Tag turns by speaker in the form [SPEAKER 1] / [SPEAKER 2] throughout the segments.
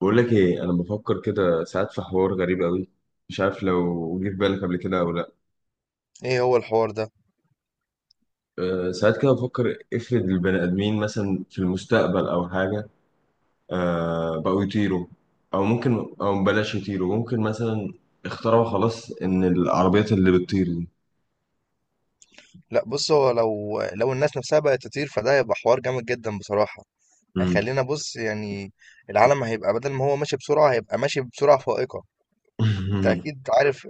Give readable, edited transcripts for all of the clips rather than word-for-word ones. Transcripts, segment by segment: [SPEAKER 1] بقول لك ايه، انا بفكر كده ساعات في حوار غريب قوي. مش عارف لو جه في بالك قبل كده او لا.
[SPEAKER 2] ايه هو الحوار ده؟
[SPEAKER 1] ساعات كده بفكر، افرض البني ادمين مثلا في المستقبل او حاجه، بقوا يطيروا، او بلاش يطيروا، ممكن مثلا اخترعوا خلاص ان العربيات اللي بتطير دي.
[SPEAKER 2] لا، بص، هو لو الناس نفسها بقت تطير فده هيبقى حوار جامد جدا بصراحة.
[SPEAKER 1] مم.
[SPEAKER 2] هيخلينا، بص، يعني العالم هيبقى بدل ما هو ماشي بسرعة هيبقى ماشي بسرعة فائقة. انت اكيد عارف،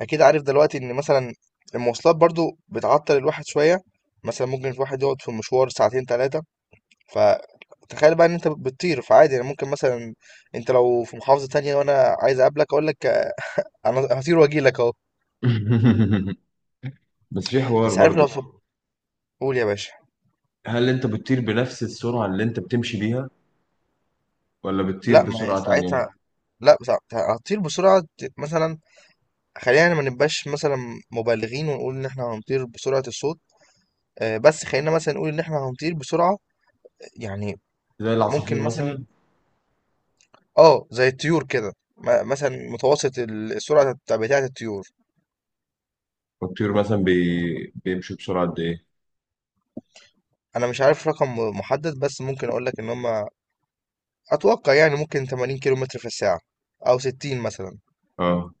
[SPEAKER 2] دلوقتي ان مثلا المواصلات برضو بتعطل الواحد شوية. مثلا ممكن الواحد يقعد في مشوار ساعتين ثلاثة. فتخيل بقى ان انت بتطير، فعادي يعني، ممكن مثلا انت لو في محافظة تانية وانا عايز اقابلك اقول لك انا هطير واجي لك اهو.
[SPEAKER 1] بس في حوار
[SPEAKER 2] بس عارف لو
[SPEAKER 1] برضو.
[SPEAKER 2] في. قول يا باشا.
[SPEAKER 1] هل انت بتطير بنفس السرعه اللي انت بتمشي بيها، ولا بتطير
[SPEAKER 2] لأ، ما هي
[SPEAKER 1] بسرعه تانية؟
[SPEAKER 2] ساعتها، لأ هتطير بسرعة مثلًا. خلّينا ما نبقاش مثلًا مبالغين ونقول إن إحنا هنطير بسرعة الصوت، بس خلّينا مثلًا نقول إن إحنا هنطير بسرعة، يعني
[SPEAKER 1] زي
[SPEAKER 2] ممكن
[SPEAKER 1] العصافير
[SPEAKER 2] مثلًا،
[SPEAKER 1] مثلا.
[SPEAKER 2] آه، زي الطيور كده مثلًا متوسط السرعة بتاعة الطيور.
[SPEAKER 1] والطيور مثلا بيمشوا بسرعه قد ايه؟
[SPEAKER 2] أنا مش عارف رقم محدد، بس ممكن أقول لك إن هم، أتوقع يعني ممكن 80 كيلومتر في الساعة أو 60 مثلًا.
[SPEAKER 1] اه،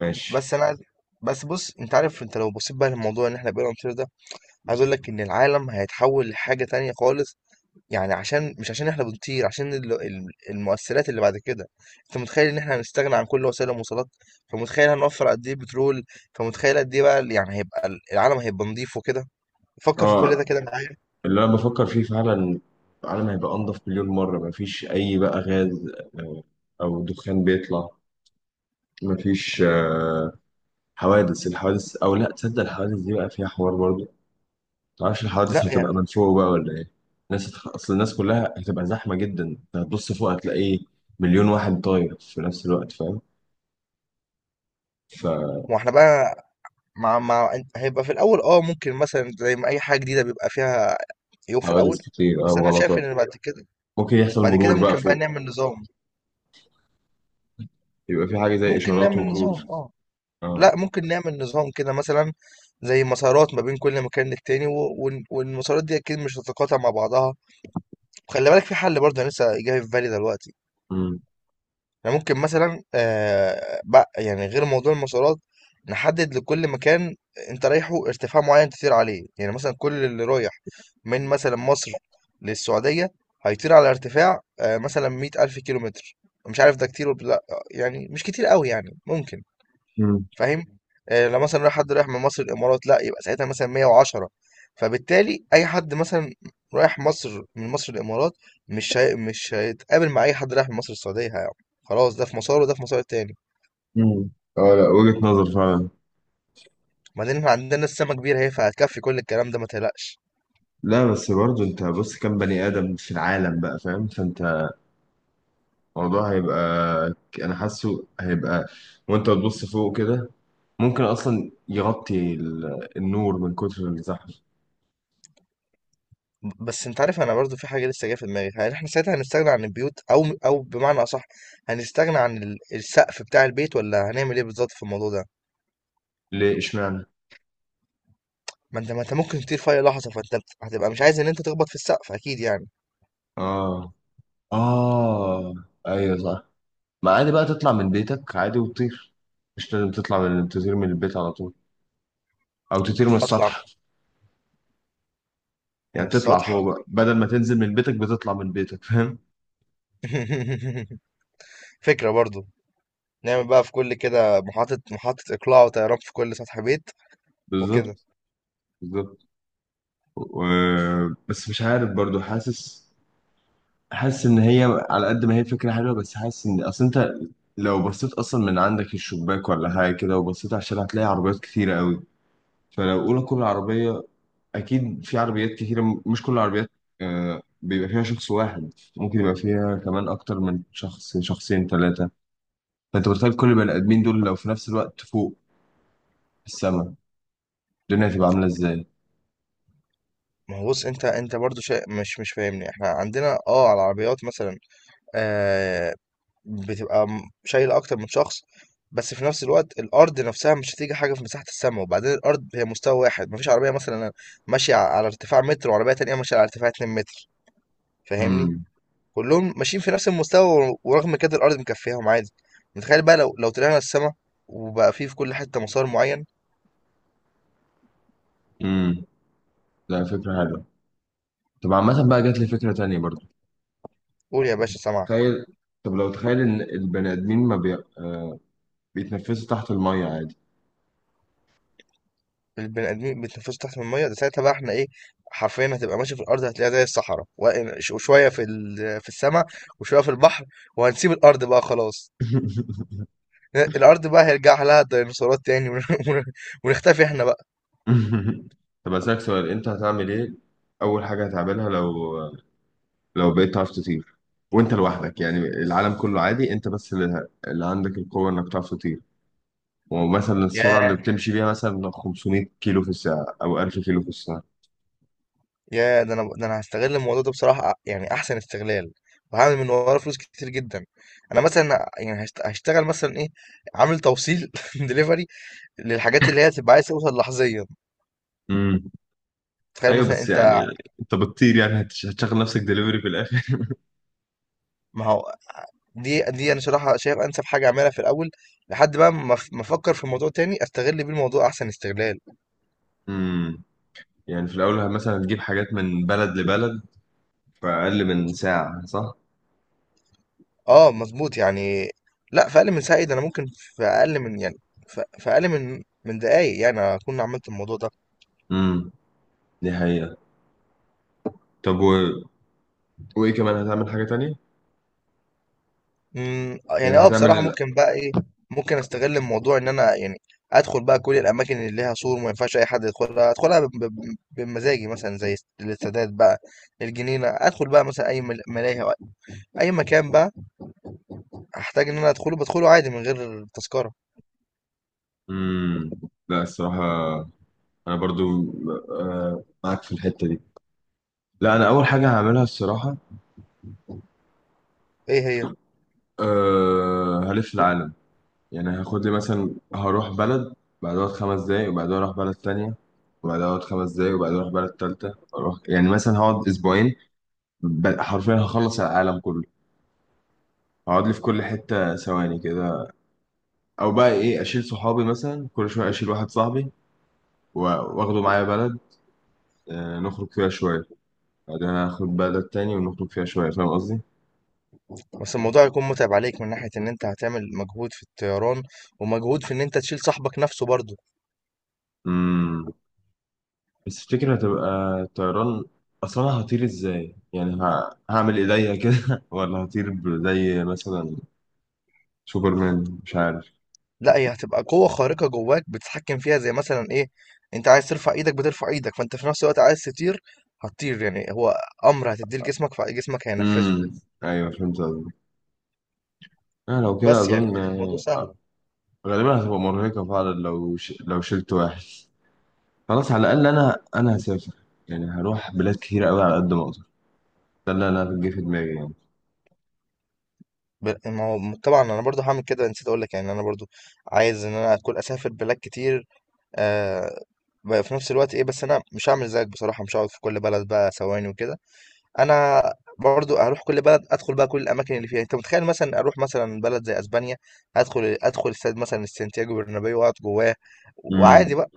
[SPEAKER 1] ماشي.
[SPEAKER 2] بس أنا عايز بس بُص، أنت عارف، أنت لو بصيت بقى للموضوع إن إحنا بقينا نطير ده، عايز اقول لك ان العالم هيتحول لحاجه تانية خالص. يعني عشان، مش عشان احنا بنطير، عشان المؤثرات اللي بعد كده. انت متخيل ان احنا هنستغنى عن كل وسائل المواصلات؟ فمتخيل هنوفر قد ايه بترول؟ فمتخيل قد ايه بقى، يعني هيبقى العالم هيبقى نظيف وكده. فكر في كل ده
[SPEAKER 1] اه،
[SPEAKER 2] كده معايا.
[SPEAKER 1] اللي انا بفكر فيه فعلا، العالم هيبقى انضف مليون مرة، مفيش اي بقى غاز، آه، او دخان بيطلع، مفيش حوادث. الحوادث او لا تصدق، الحوادث دي بقى فيها حوار برضه. متعرفش الحوادث
[SPEAKER 2] لا
[SPEAKER 1] هتبقى
[SPEAKER 2] يعني،
[SPEAKER 1] من فوق بقى ولا ايه؟ الناس اصل الناس كلها هتبقى زحمة جدا، انت هتبص فوق هتلاقي مليون واحد طاير في نفس الوقت، فاهم؟ فحوادث
[SPEAKER 2] واحنا بقى مع مع هيبقى في الاول، ممكن مثلا زي ما اي حاجه جديده بيبقى فيها عيوب في الاول.
[SPEAKER 1] كتير،
[SPEAKER 2] بس انا شايف
[SPEAKER 1] وغلطات.
[SPEAKER 2] ان بعد كده
[SPEAKER 1] ممكن يحصل
[SPEAKER 2] بعد كده
[SPEAKER 1] مرور بقى
[SPEAKER 2] ممكن بقى
[SPEAKER 1] فوق،
[SPEAKER 2] نعمل نظام.
[SPEAKER 1] يبقى في حاجة زي
[SPEAKER 2] ممكن
[SPEAKER 1] اشارات
[SPEAKER 2] نعمل
[SPEAKER 1] ومرور.
[SPEAKER 2] نظام، اه،
[SPEAKER 1] اه.
[SPEAKER 2] لأ، ممكن نعمل نظام كده مثلًا زي مسارات ما بين كل مكان للتاني، و وال والمسارات دي أكيد مش هتتقاطع مع بعضها. وخلّي بالك، في حل برضه أنا لسه جاي في بالي دلوقتي، إحنا ممكن مثلًا، بق يعني غير موضوع المسارات، نحدد لكل مكان أنت رايحه ارتفاع معيّن تطير عليه. يعني مثلًا كل اللي رايح من مثلًا مصر للسعودية هيطير على ارتفاع، مثلًا 100.000 كيلومتر. مش عارف ده كتير والّا لأ، يعني مش كتير أوي، يعني ممكن.
[SPEAKER 1] مم.
[SPEAKER 2] فاهم؟ آه، لو مثلا رايح، حد رايح من مصر الامارات لا يبقى ساعتها مثلا 110. فبالتالي اي حد مثلا رايح من مصر الامارات مش هيتقابل مع اي حد رايح من مصر السعوديه يعني. خلاص، ده في مسار وده في مسار تاني.
[SPEAKER 1] مم. اه، لا وجهة نظر فعلا.
[SPEAKER 2] بعدين احنا عندنا السما كبيره اهي، فهتكفي كل الكلام ده، ما تقلقش.
[SPEAKER 1] لا، بس برضه انت بص، كم بني ادم في العالم بقى، فاهم؟ فانت الموضوع هيبقى، انا حاسه هيبقى وانت بتبص فوق كده، ممكن اصلا يغطي النور من كتر الزحمه.
[SPEAKER 2] بس انت عارف، انا برضو في حاجه لسه جايه في دماغي. هل احنا ساعتها هنستغنى عن البيوت، او بمعنى اصح هنستغنى عن السقف بتاع البيت، ولا هنعمل ايه بالظبط في الموضوع ده؟
[SPEAKER 1] ليه اشمعنى؟
[SPEAKER 2] ما انت ممكن تطير في اي لحظه، فانت هتبقى مش عايز ان انت تخبط في السقف اكيد يعني.
[SPEAKER 1] اه، اه، ايوه صح، ما عادي بقى تطلع من بيتك عادي وتطير. مش لازم تطلع من تطير من البيت على طول، او تطير من
[SPEAKER 2] اطلع
[SPEAKER 1] السطح. يعني
[SPEAKER 2] من
[SPEAKER 1] تطلع
[SPEAKER 2] السطح.
[SPEAKER 1] فوق بقى بدل ما تنزل من بيتك بتطلع من بيتك، فاهم؟
[SPEAKER 2] فكرة برضو. نعمل بقى في كل كده محطة اقلاع وطيران في كل سطح بيت وكده.
[SPEAKER 1] بالظبط، بالظبط. بس مش عارف برضو، حاسس ان هي، على قد ما هي فكره حلوه، بس حاسس ان اصل انت لو بصيت اصلا من عندك الشباك ولا حاجه كده، وبصيت على الشارع، هتلاقي عربيات كتيره قوي. فلو اقول كل عربيه، اكيد في عربيات كتيره، مش كل العربيات بيبقى فيها شخص واحد، ممكن يبقى فيها كمان اكتر من شخص، شخصين، ثلاثه. فانت متخيل كل البني ادمين دول لو في نفس الوقت فوق في السماء، الدنيا هتبقى عامله ازاي؟
[SPEAKER 2] ما هو بص، انت برضو شيء مش فاهمني. احنا عندنا، على العربيات مثلا، آه بتبقى شايلة اكتر من شخص. بس في نفس الوقت الارض نفسها مش هتيجي حاجة في مساحة السماء. وبعدين الارض هي مستوى واحد، مفيش عربية مثلا ماشية على ارتفاع متر وعربية تانية ماشية على ارتفاع 2 متر، فاهمني؟
[SPEAKER 1] امم،
[SPEAKER 2] كلهم ماشيين في نفس المستوى، ورغم كده الارض مكفياهم عادي. متخيل بقى لو طلعنا السما وبقى فيه في كل حته مسار معين.
[SPEAKER 1] امم. لا، فكره حلوه. طب عامه بقى، جات لي فكره تانية برضو.
[SPEAKER 2] قول يا باشا، سامعك.
[SPEAKER 1] تخيل، طب لو تخيل ان البني ادمين ما بي... بيتنفسوا تحت المية عادي.
[SPEAKER 2] البني ادمين بيتنفسوا تحت الميه؟ ده ساعتها بقى احنا ايه؟ حرفيا هتبقى ماشي في الارض هتلاقيها زي الصحراء، وشويه في في السماء، وشويه في البحر. وهنسيب الارض بقى خلاص. الارض بقى هيرجع لها الديناصورات تاني. ونختفي احنا بقى.
[SPEAKER 1] طب اسالك سؤال، انت هتعمل ايه اول حاجة هتعملها لو بقيت تعرف تطير وانت لوحدك؟ يعني العالم كله عادي، انت بس اللي عندك القوة انك تعرف تطير، ومثلا السرعة اللي
[SPEAKER 2] ياه،
[SPEAKER 1] بتمشي بيها مثلا 500 كيلو في الساعة او 1000 كيلو في الساعة.
[SPEAKER 2] يا ده انا ده انا هستغل الموضوع ده بصراحه يعني احسن استغلال، وهعمل من وراه فلوس كتير جدا. انا مثلا يعني هشتغل مثلا ايه؟ عامل توصيل دليفري، للحاجات اللي هي تبقى عايز توصل لحظيا.
[SPEAKER 1] امم.
[SPEAKER 2] تخيل
[SPEAKER 1] ايوه،
[SPEAKER 2] مثلا،
[SPEAKER 1] بس
[SPEAKER 2] انت،
[SPEAKER 1] يعني انت بتطير، يعني هتشغل نفسك دليفري في الاخر؟
[SPEAKER 2] ما هو دي انا صراحه شايف انسب حاجه اعملها في الاول، لحد بقى ما افكر في الموضوع تاني استغل بيه الموضوع احسن استغلال.
[SPEAKER 1] امم. يعني في الاول مثلا هتجيب حاجات من بلد لبلد في أقل من ساعة، صح؟
[SPEAKER 2] اه، مظبوط يعني. لا، في اقل من ساعه؟ إيه ده، انا ممكن في اقل من، يعني في اقل من دقايق يعني اكون عملت الموضوع ده.
[SPEAKER 1] امم، دي حقيقة. طب، وإيه كمان، هتعمل حاجة تانية؟
[SPEAKER 2] يعني،
[SPEAKER 1] يعني
[SPEAKER 2] بصراحة
[SPEAKER 1] هتعمل.
[SPEAKER 2] ممكن بقى ايه، ممكن استغل الموضوع ان انا يعني ادخل بقى كل الاماكن اللي ليها سور ما ينفعش اي حد يدخلها، ادخلها بمزاجي، مثلا زي السادات بقى الجنينة، ادخل بقى مثلا اي ملاهي أو اي مكان بقى هحتاج ان انا ادخله، بدخله عادي من غير تذكرة.
[SPEAKER 1] امم لا، الصراحة أنا برضو معاك في الحتة دي. لا، أنا أول حاجة هعملها الصراحة،
[SPEAKER 2] ايه هي؟
[SPEAKER 1] هلف العالم. يعني هاخد لي مثلا، هروح بلد بعدها خمس دقايق، وبعدها أروح بلد تانية وبعدها أقعد خمس دقايق، وبعدها أروح بلد تالتة، يعني مثلا هقعد أسبوعين. حرفيا هخلص العالم كله، هقعد لي في كل حتة ثواني كده. او بقى ايه، اشيل صحابي مثلا، كل شويه اشيل واحد صاحبي و- واخده معايا بلد، نخرج فيها شويه، بعدين اخد بلد تاني ونخرج فيها شويه، فاهم قصدي؟
[SPEAKER 2] بس الموضوع هيكون متعب عليك من ناحية ان انت هتعمل مجهود في الطيران ومجهود في ان انت تشيل صاحبك نفسه برضه.
[SPEAKER 1] امم. بس تفتكر هتبقى الطيران، اصلا انا هطير ازاي؟ يعني هعمل ايديا كده، ولا هطير زي مثلا سوبرمان، مش عارف.
[SPEAKER 2] لا، هي هتبقى قوة خارقة جواك بتتحكم فيها زي مثلا ايه، انت عايز ترفع ايدك بترفع ايدك، فانت في نفس الوقت عايز تطير هتطير. يعني هو امر هتديه لجسمك فجسمك هينفذه.
[SPEAKER 1] امم، ايوه فهمت قصدك. لو كده
[SPEAKER 2] بس يعني
[SPEAKER 1] اظن
[SPEAKER 2] الموضوع سهل.
[SPEAKER 1] غالبا هتبقى مرهقه فعلا لو لو شلت واحد. خلاص، على الاقل انا هسافر، يعني هروح بلاد كتير قوي على قد ما اقدر. لا لا لا، بتجي في دماغي يعني.
[SPEAKER 2] ما هو طبعا انا برضو هعمل كده، نسيت اقول لك يعني، انا برضو عايز ان انا اكون اسافر بلاد كتير. آه، بقى في نفس الوقت ايه، بس انا مش هعمل زيك بصراحة، مش هقعد في كل بلد بقى ثواني وكده. انا برضو هروح كل بلد ادخل بقى كل الاماكن اللي فيها. انت متخيل مثلا اروح مثلا بلد زي اسبانيا، ادخل استاد مثلا السانتياغو برنابيو واقعد جواه وعادي
[SPEAKER 1] امم.
[SPEAKER 2] بقى.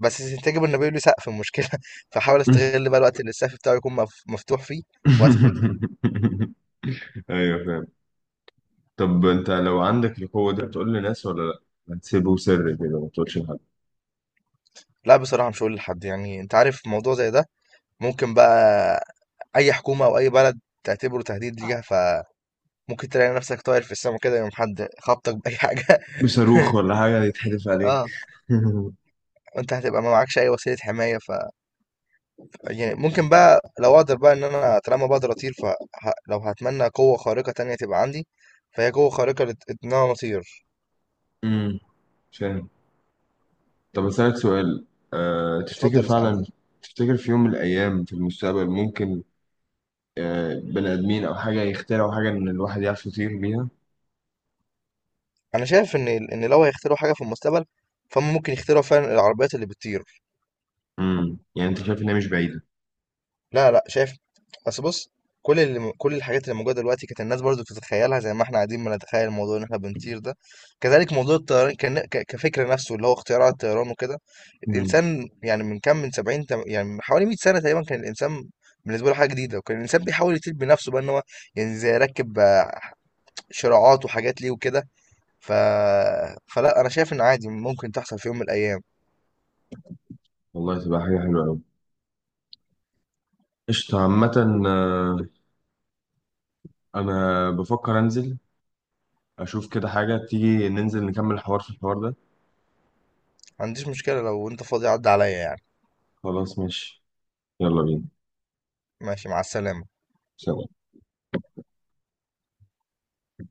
[SPEAKER 2] بس سانتياغو برنابيو ليه سقف المشكله. فحاول استغل بقى الوقت اللي السقف بتاعه يكون مفتوح فيه وادخل.
[SPEAKER 1] ايوه فاهم. طب انت لو عندك القوه دي، هتقول لناس ولا لا؟ هتسيبه سر كده، ما تقولش لحد؟
[SPEAKER 2] لا بصراحه مش هقول لحد. يعني انت عارف موضوع زي ده، ممكن بقى اي حكومه او اي بلد تعتبره تهديد ليها، فممكن تلاقي نفسك طاير في السماء كده يوم، حد خبطك باي حاجه.
[SPEAKER 1] بصاروخ ولا حاجه يتحدف عليك.
[SPEAKER 2] اه. وانت هتبقى ما معكش اي وسيله حمايه. يعني ممكن بقى لو اقدر بقى، ان انا طالما بقدر اطير، فلو هتمنى قوة خارقة تانية تبقى عندي فهي قوة خارقة ان انا اطير.
[SPEAKER 1] امم، فاهم. طب اسالك سؤال، تفتكر
[SPEAKER 2] اتفضل اسألني.
[SPEAKER 1] فعلا، تفتكر في يوم من الايام في المستقبل ممكن بني ادمين او حاجه يخترعوا حاجه ان الواحد يعرف يطير بيها؟
[SPEAKER 2] انا شايف ان لو هيخترعوا حاجة في المستقبل، فهم ممكن يخترعوا فعلا العربيات اللي بتطير.
[SPEAKER 1] امم، يعني انت شايف انها مش بعيده؟
[SPEAKER 2] لا، لأ شايف. بس بُص، كل الحاجات اللي موجودة دلوقتي كانت الناس برضه بتتخيّلها زي ما إحنا قاعدين بنتخيّل موضوع إن إحنا بنطير ده. كذلك موضوع الطيران، كن ك كفكر نَفْسه اللي هو اختراع الطيران وكده،
[SPEAKER 1] امم.
[SPEAKER 2] الإنسان يعني من كام، من 70، يعني من حوالي 100 سَنة تقريبًا كان الإنسان بالنسبة له حاجة جديدة. وكان الإنسان بيحاول يطير بنَفْسه بقى إن هو يعني زي يركّب، آه، شراعات وحاجات ليه وكده. ف فلأ أنا شايف إن عادي ممكن تحصل في يوم من الأيام.
[SPEAKER 1] والله تبقى حاجه حلوه قوي. قشطه، عامه انا بفكر انزل اشوف كده حاجة تيجي، ننزل نكمل في الحوار ده.
[SPEAKER 2] ما عنديش مشكلة لو أنت فاضي عدّي عليّا يعني.
[SPEAKER 1] خلاص، ماشي، يلا بينا.
[SPEAKER 2] ماشي، مع السلامة.
[SPEAKER 1] سلام.